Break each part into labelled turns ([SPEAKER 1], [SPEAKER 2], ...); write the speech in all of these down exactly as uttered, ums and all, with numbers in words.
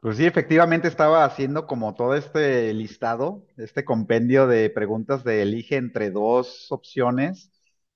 [SPEAKER 1] Pues sí, efectivamente estaba haciendo como todo este listado, este compendio de preguntas de elige entre dos opciones.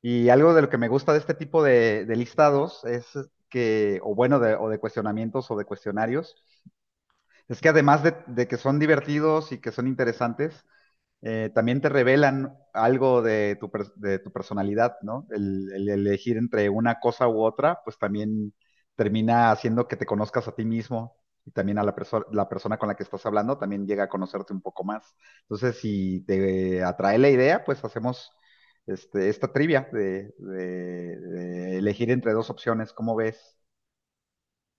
[SPEAKER 1] Y algo de lo que me gusta de este tipo de, de listados es que, o bueno, de, o de cuestionamientos o de cuestionarios, es que además de, de que son divertidos y que son interesantes, eh, también te revelan algo de tu, pers- de tu personalidad, ¿no? El, el elegir entre una cosa u otra, pues también termina haciendo que te conozcas a ti mismo y también a la, perso- la persona con la que estás hablando también llega a conocerte un poco más. Entonces, si te atrae la idea, pues hacemos este, esta trivia de, de- de elegir entre dos opciones, ¿cómo ves?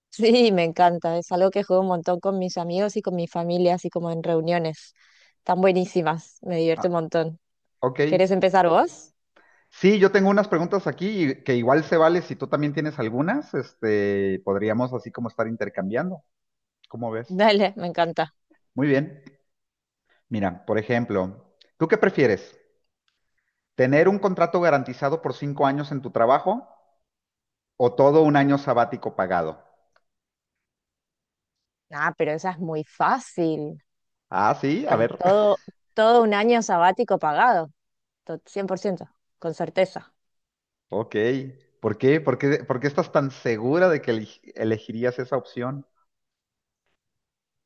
[SPEAKER 2] Sí, me encanta. Es algo que juego un montón con mis amigos y con mi familia, así como en reuniones. Están buenísimas. Me
[SPEAKER 1] Ah,
[SPEAKER 2] divierte un montón.
[SPEAKER 1] ok.
[SPEAKER 2] ¿Querés empezar vos?
[SPEAKER 1] Sí, yo tengo unas preguntas aquí y que igual se vale si tú también tienes algunas, este, podríamos así como estar intercambiando. ¿Cómo ves?
[SPEAKER 2] Dale, me encanta.
[SPEAKER 1] Muy bien. Mira, por ejemplo, ¿tú qué prefieres? ¿Tener un contrato garantizado por cinco años en tu trabajo o todo un año sabático pagado?
[SPEAKER 2] Ah, pero esa es muy fácil.
[SPEAKER 1] Ah, sí, a
[SPEAKER 2] Eh,
[SPEAKER 1] ver.
[SPEAKER 2] todo, todo un año sabático pagado. To- cien por ciento, con certeza.
[SPEAKER 1] Ok. ¿Por qué? ¿Por qué, por qué estás tan segura de que elegi- elegirías esa opción?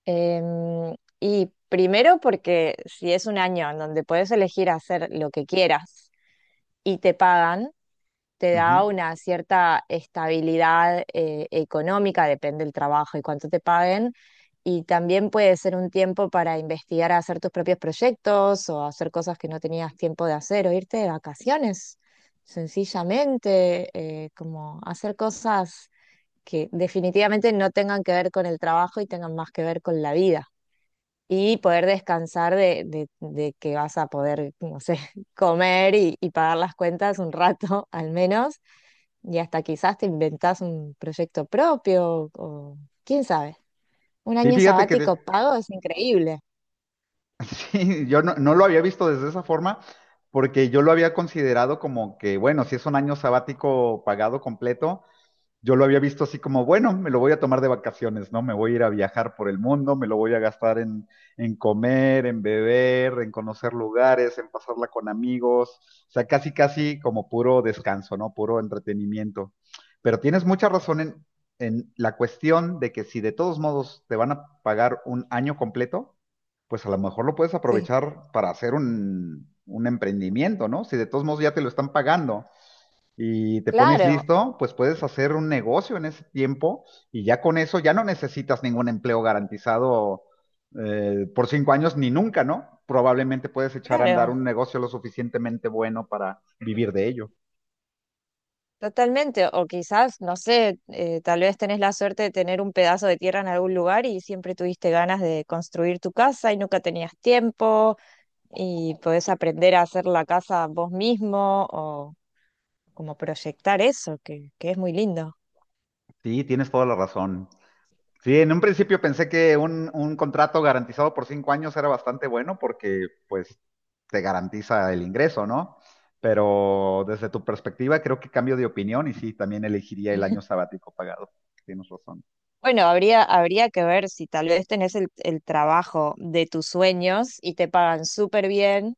[SPEAKER 2] Em, y primero porque si es un año en donde puedes elegir hacer lo que quieras y te pagan, te da
[SPEAKER 1] Ujú.
[SPEAKER 2] una cierta estabilidad eh, económica, depende del trabajo y cuánto te paguen. Y también puede ser un tiempo para investigar, hacer tus propios proyectos o hacer cosas que no tenías tiempo de hacer o irte de vacaciones, sencillamente, eh, como hacer cosas que definitivamente no tengan que ver con el trabajo y tengan más que ver con la vida y poder descansar de, de- de que vas a poder, no sé, comer y, y pagar las cuentas un rato al menos, y hasta quizás te inventás un proyecto propio, o quién sabe, un
[SPEAKER 1] Sí,
[SPEAKER 2] año
[SPEAKER 1] fíjate que de-
[SPEAKER 2] sabático pago es increíble.
[SPEAKER 1] Sí, yo no, no lo había visto desde esa forma porque yo lo había considerado como que, bueno, si es un año sabático pagado completo, yo lo había visto así como, bueno, me lo voy a tomar de vacaciones, ¿no? Me voy a ir a viajar por el mundo, me lo voy a gastar en, en comer, en beber, en conocer lugares, en pasarla con amigos, o sea, casi, casi como puro descanso, ¿no? Puro entretenimiento. Pero tienes mucha razón en, en la cuestión de que si de todos modos te van a pagar un año completo, pues a lo mejor lo puedes
[SPEAKER 2] Sí,
[SPEAKER 1] aprovechar para hacer un, un emprendimiento, ¿no? Si de todos modos ya te lo están pagando y te pones
[SPEAKER 2] claro,
[SPEAKER 1] listo, pues puedes hacer un negocio en ese tiempo y ya con eso ya no necesitas ningún empleo garantizado eh, por cinco años ni nunca, ¿no? Probablemente puedes echar a andar
[SPEAKER 2] claro.
[SPEAKER 1] un negocio lo suficientemente bueno para vivir de ello.
[SPEAKER 2] Totalmente, o quizás, no sé, eh, tal vez tenés la suerte de tener un pedazo de tierra en algún lugar y siempre tuviste ganas de construir tu casa y nunca tenías tiempo, y podés aprender a hacer la casa vos mismo o como proyectar eso, que, que es muy lindo.
[SPEAKER 1] Sí, tienes toda la razón. Sí, en un principio pensé que un, un contrato garantizado por cinco años era bastante bueno porque pues te garantiza el ingreso, ¿no? Pero desde tu perspectiva creo que cambio de opinión y sí, también elegiría el año sabático pagado. Tienes razón.
[SPEAKER 2] Bueno, habría, habría que ver si tal vez tenés el, el trabajo de tus sueños y te pagan súper bien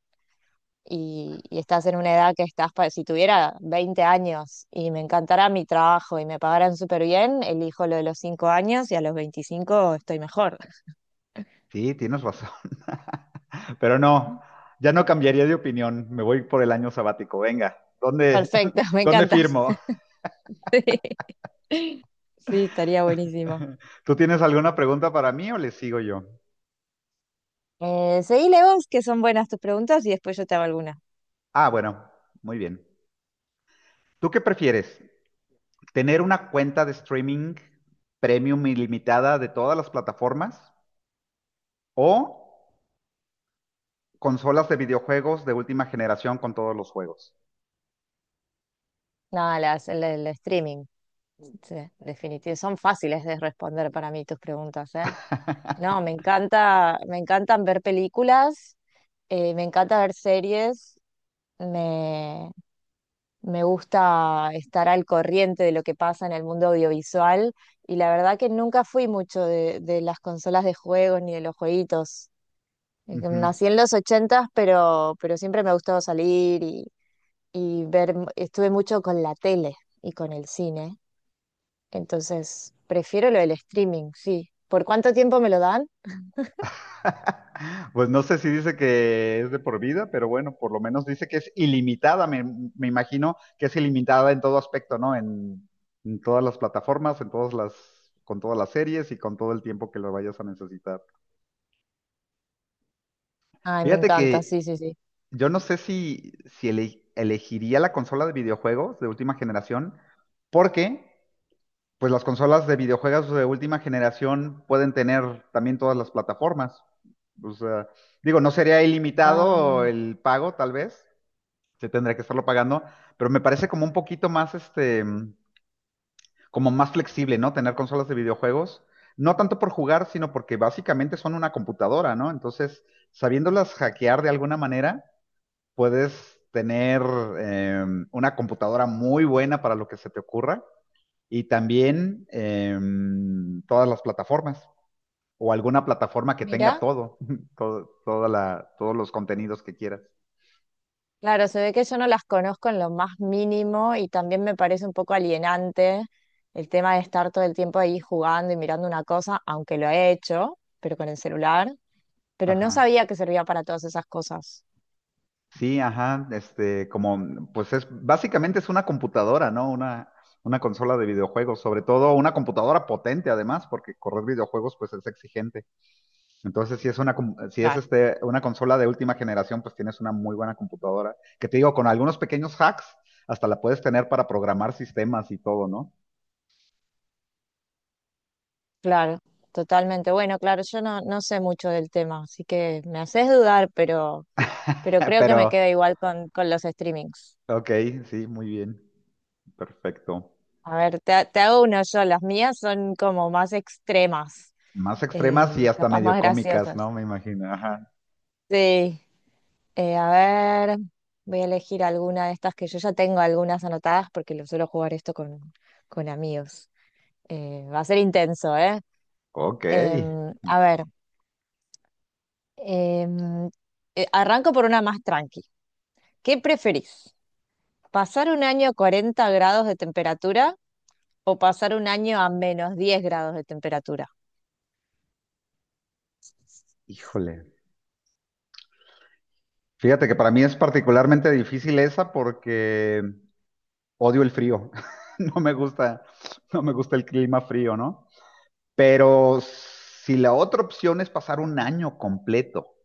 [SPEAKER 2] y, y estás en una edad que estás, pa- si tuviera veinte años y me encantara mi trabajo y me pagaran súper bien, elijo lo de los cinco años y a los veinticinco estoy mejor.
[SPEAKER 1] Sí, tienes razón. Pero no, ya no cambiaría de opinión. Me voy por el año sabático. Venga, ¿dónde,
[SPEAKER 2] Perfecto, me
[SPEAKER 1] dónde
[SPEAKER 2] encanta.
[SPEAKER 1] firmo?
[SPEAKER 2] Sí, sí, estaría buenísimo.
[SPEAKER 1] ¿Tú tienes alguna pregunta para mí o le sigo yo?
[SPEAKER 2] Eh, seguile vos, que son buenas tus preguntas, y después yo te hago alguna.
[SPEAKER 1] Ah, bueno, muy bien. ¿Tú qué prefieres? ¿Tener una cuenta de streaming premium ilimitada de todas las plataformas o consolas de videojuegos de última generación con todos los juegos?
[SPEAKER 2] No, las, el, el streaming. Sí, definitivo. Son fáciles de responder para mí tus preguntas, ¿eh? No, me encanta, me encantan ver películas, eh, me encanta ver series, me, me gusta estar al corriente de lo que pasa en el mundo audiovisual y la verdad que nunca fui mucho de, de las consolas de juegos ni de los jueguitos. Eh,
[SPEAKER 1] Ujú.
[SPEAKER 2] Nací en los ochentas, pero, pero siempre me ha gustado salir y ver, estuve mucho con la tele y con el cine, entonces prefiero lo del streaming, sí. ¿Por cuánto tiempo me lo dan?
[SPEAKER 1] Pues no sé si dice que es de por vida, pero bueno, por lo menos dice que es ilimitada. Me, me imagino que es ilimitada en todo aspecto, ¿no? En, en todas las plataformas, en todas las, con todas las series y con todo el tiempo que lo vayas a necesitar.
[SPEAKER 2] Ay, me
[SPEAKER 1] Fíjate
[SPEAKER 2] encanta, sí,
[SPEAKER 1] que
[SPEAKER 2] sí, sí.
[SPEAKER 1] yo no sé si, si ele- elegiría la consola de videojuegos de última generación, porque pues las consolas de videojuegos de última generación pueden tener también todas las plataformas. O sea, digo, no sería ilimitado
[SPEAKER 2] Ah,
[SPEAKER 1] el pago, tal vez, se tendría que estarlo pagando, pero me parece como un poquito más, este, como más flexible, ¿no? Tener consolas de videojuegos, no tanto por jugar, sino porque básicamente son una computadora, ¿no? Entonces, sabiéndolas hackear de alguna manera, puedes tener eh, una computadora muy buena para lo que se te ocurra y también em, todas las plataformas o alguna plataforma que tenga
[SPEAKER 2] mira,
[SPEAKER 1] todo, todo, toda la, todos los contenidos que quieras.
[SPEAKER 2] claro, se ve que yo no las conozco en lo más mínimo y también me parece un poco alienante el tema de estar todo el tiempo ahí jugando y mirando una cosa, aunque lo he hecho, pero con el celular, pero no
[SPEAKER 1] Ajá.
[SPEAKER 2] sabía que servía para todas esas cosas.
[SPEAKER 1] Sí, ajá, este, como, pues es, básicamente es una computadora, ¿no? Una, una consola de videojuegos, sobre todo una computadora potente además, porque correr videojuegos pues es exigente. Entonces, si es una, com- si es este, una consola de última generación, pues tienes una muy buena computadora, que te digo, con algunos pequeños hacks, hasta la puedes tener para programar sistemas y todo, ¿no?
[SPEAKER 2] Claro, totalmente. Bueno, claro, yo no, no sé mucho del tema, así que me haces dudar, pero, pero creo que me
[SPEAKER 1] Pero,
[SPEAKER 2] quedo igual con, con los streamings.
[SPEAKER 1] ok, sí, muy bien. Perfecto.
[SPEAKER 2] A ver, te, ha- te hago uno yo, las mías son como más extremas,
[SPEAKER 1] Más extremas y
[SPEAKER 2] eh,
[SPEAKER 1] hasta
[SPEAKER 2] capaz más
[SPEAKER 1] medio cómicas,
[SPEAKER 2] graciosas.
[SPEAKER 1] ¿no? Me imagino. Ajá.
[SPEAKER 2] Sí, eh, a ver, voy a elegir alguna de estas que yo ya tengo algunas anotadas porque lo suelo jugar esto con, con amigos. Eh, va a ser intenso, ¿eh?
[SPEAKER 1] Ok.
[SPEAKER 2] Em, a ver, em, eh, arranco por una más tranqui. ¿Qué preferís? ¿Pasar un año a cuarenta grados de temperatura o pasar un año a menos diez grados de temperatura?
[SPEAKER 1] Híjole. Fíjate que para mí es particularmente difícil esa porque odio el frío. No me gusta, no me gusta el clima frío, ¿no? Pero si la otra opción es pasar un año completo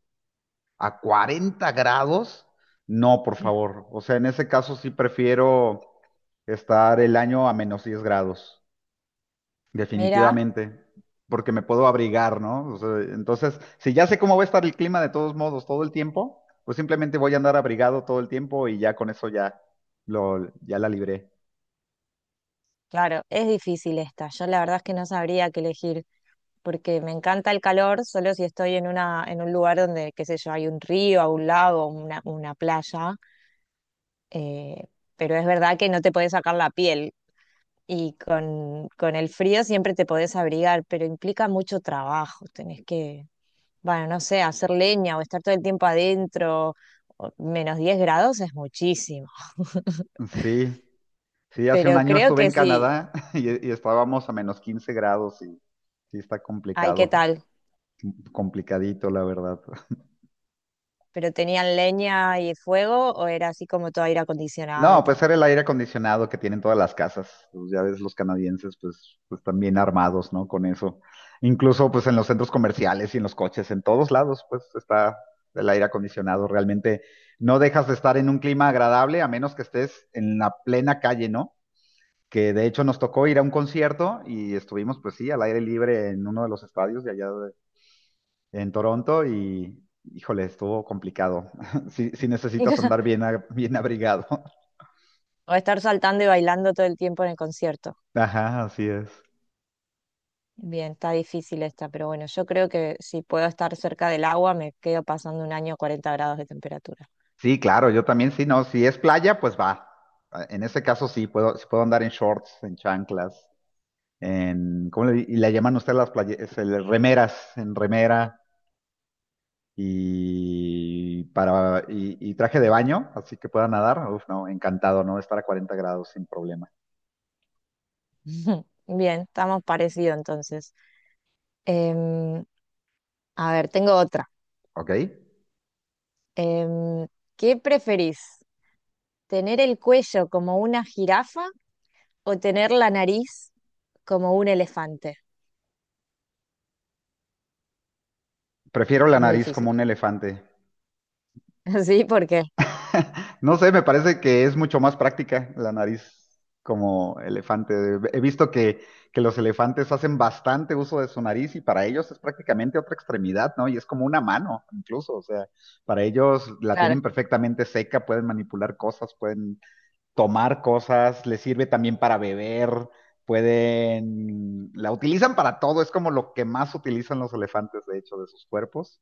[SPEAKER 1] a cuarenta grados, no, por favor. O sea, en ese caso sí prefiero estar el año a menos diez grados.
[SPEAKER 2] Mira,
[SPEAKER 1] Definitivamente, porque me puedo abrigar, ¿no? O sea, entonces, si ya sé cómo va a estar el clima de todos modos todo el tiempo, pues simplemente voy a andar abrigado todo el tiempo y ya con eso ya lo, ya la libré.
[SPEAKER 2] claro, es difícil esta. Yo la verdad es que no sabría qué elegir porque me encanta el calor, solo si estoy en una, en un lugar donde, qué sé yo, hay un río, un lago, una, una playa. eh, pero es verdad que no te podés sacar la piel y con, con el frío siempre te podés abrigar, pero implica mucho trabajo. Tenés que, bueno, no sé, hacer leña o estar todo el tiempo adentro, o- menos diez grados es muchísimo.
[SPEAKER 1] Sí, sí, hace un
[SPEAKER 2] Pero
[SPEAKER 1] año
[SPEAKER 2] creo
[SPEAKER 1] estuve
[SPEAKER 2] que
[SPEAKER 1] en
[SPEAKER 2] sí.
[SPEAKER 1] Canadá y, y estábamos a menos quince grados y sí está
[SPEAKER 2] Ay, ¿qué
[SPEAKER 1] complicado,
[SPEAKER 2] tal?
[SPEAKER 1] complicadito, la verdad.
[SPEAKER 2] ¿Pero tenían leña y fuego o era así como todo aire acondicionado
[SPEAKER 1] No,
[SPEAKER 2] y
[SPEAKER 1] pues
[SPEAKER 2] tal?
[SPEAKER 1] era el aire acondicionado que tienen todas las casas. Pues ya ves, los canadienses, pues, pues están bien armados, ¿no? Con eso. Incluso, pues, en los centros comerciales y en los coches, en todos lados, pues, está el aire acondicionado. Realmente no dejas de estar en un clima agradable a menos que estés en la plena calle, ¿no? Que de hecho nos tocó ir a un concierto y estuvimos, pues sí, al aire libre en uno de los estadios de allá de- en Toronto y, híjole, estuvo complicado. Si necesitas andar bien, a- bien abrigado.
[SPEAKER 2] O estar saltando y bailando todo el tiempo en el concierto.
[SPEAKER 1] Ajá, así es.
[SPEAKER 2] Bien, está difícil esta, pero bueno, yo creo que si puedo estar cerca del agua, me quedo pasando un año a cuarenta grados de temperatura.
[SPEAKER 1] Sí, claro, yo también sí, no, si es playa, pues va. Ah, en ese caso sí, puedo, sí puedo andar en shorts, en chanclas, en, ¿cómo le, di- y le llaman ustedes las playas? Remeras, en remera y para, y, y traje de baño, así que pueda nadar. Uf, no, encantado, ¿no? Estar a cuarenta grados sin problema.
[SPEAKER 2] Bien, estamos parecidos entonces. Em, a ver, tengo otra.
[SPEAKER 1] ¿Ok?
[SPEAKER 2] Em, ¿Qué preferís? ¿Tener el cuello como una jirafa o tener la nariz como un elefante?
[SPEAKER 1] Prefiero la
[SPEAKER 2] Es muy
[SPEAKER 1] nariz como
[SPEAKER 2] difícil.
[SPEAKER 1] un elefante.
[SPEAKER 2] Sí, porque,
[SPEAKER 1] No sé, me parece que es mucho más práctica la nariz como elefante. He visto que, que los elefantes hacen bastante uso de su nariz y para ellos es prácticamente otra extremidad, ¿no? Y es como una mano, incluso. O sea, para ellos la
[SPEAKER 2] claro,
[SPEAKER 1] tienen perfectamente seca, pueden manipular cosas, pueden tomar cosas, les sirve también para beber, pueden, la utilizan para todo, es como lo que más utilizan los elefantes, de hecho, de sus cuerpos,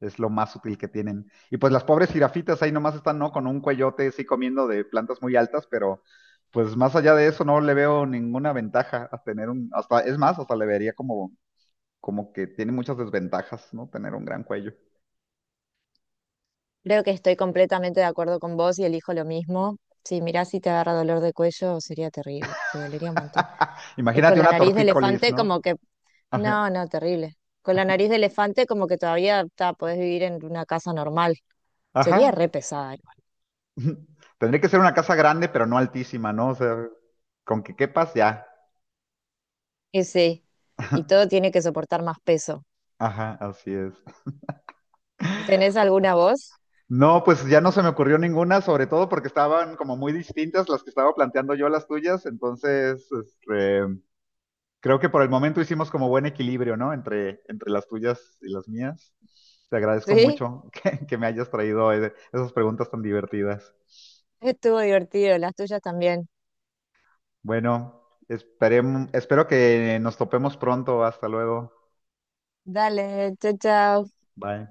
[SPEAKER 1] es lo más útil que tienen. Y pues las pobres jirafitas ahí nomás están, ¿no? Con un cuellote, sí, comiendo de plantas muy altas, pero pues más allá de eso no le veo ninguna ventaja a tener un, hasta, es más, hasta le vería como, como que tiene muchas desventajas, ¿no? Tener un gran cuello.
[SPEAKER 2] creo que estoy completamente de acuerdo con vos y elijo lo mismo. Sí, mirá, si te agarra dolor de cuello sería terrible, te dolería un montón. Y con
[SPEAKER 1] Imagínate
[SPEAKER 2] la
[SPEAKER 1] una
[SPEAKER 2] nariz de
[SPEAKER 1] tortícolis,
[SPEAKER 2] elefante como
[SPEAKER 1] ¿no?
[SPEAKER 2] que,
[SPEAKER 1] Ajá.
[SPEAKER 2] no, no, terrible. Con la nariz de elefante como que todavía ta, podés vivir en una casa normal. Sería re
[SPEAKER 1] Ajá.
[SPEAKER 2] pesada.
[SPEAKER 1] Tendría que ser una casa grande, pero no altísima, ¿no? O sea, con que quepas ya.
[SPEAKER 2] Y sí, y todo tiene que soportar más peso.
[SPEAKER 1] Ajá, así es.
[SPEAKER 2] ¿Tenés alguna voz?
[SPEAKER 1] No, pues ya no se me ocurrió ninguna, sobre todo porque estaban como muy distintas las que estaba planteando yo a las tuyas, entonces este, creo que por el momento hicimos como buen equilibrio, ¿no? Entre, entre las tuyas y las mías. Te agradezco
[SPEAKER 2] Sí,
[SPEAKER 1] mucho que, que me hayas traído eh, esas preguntas tan divertidas.
[SPEAKER 2] estuvo divertido, las tuyas también.
[SPEAKER 1] Bueno, esperem- espero que nos topemos pronto. Hasta luego.
[SPEAKER 2] Dale, chao, chao.
[SPEAKER 1] Bye.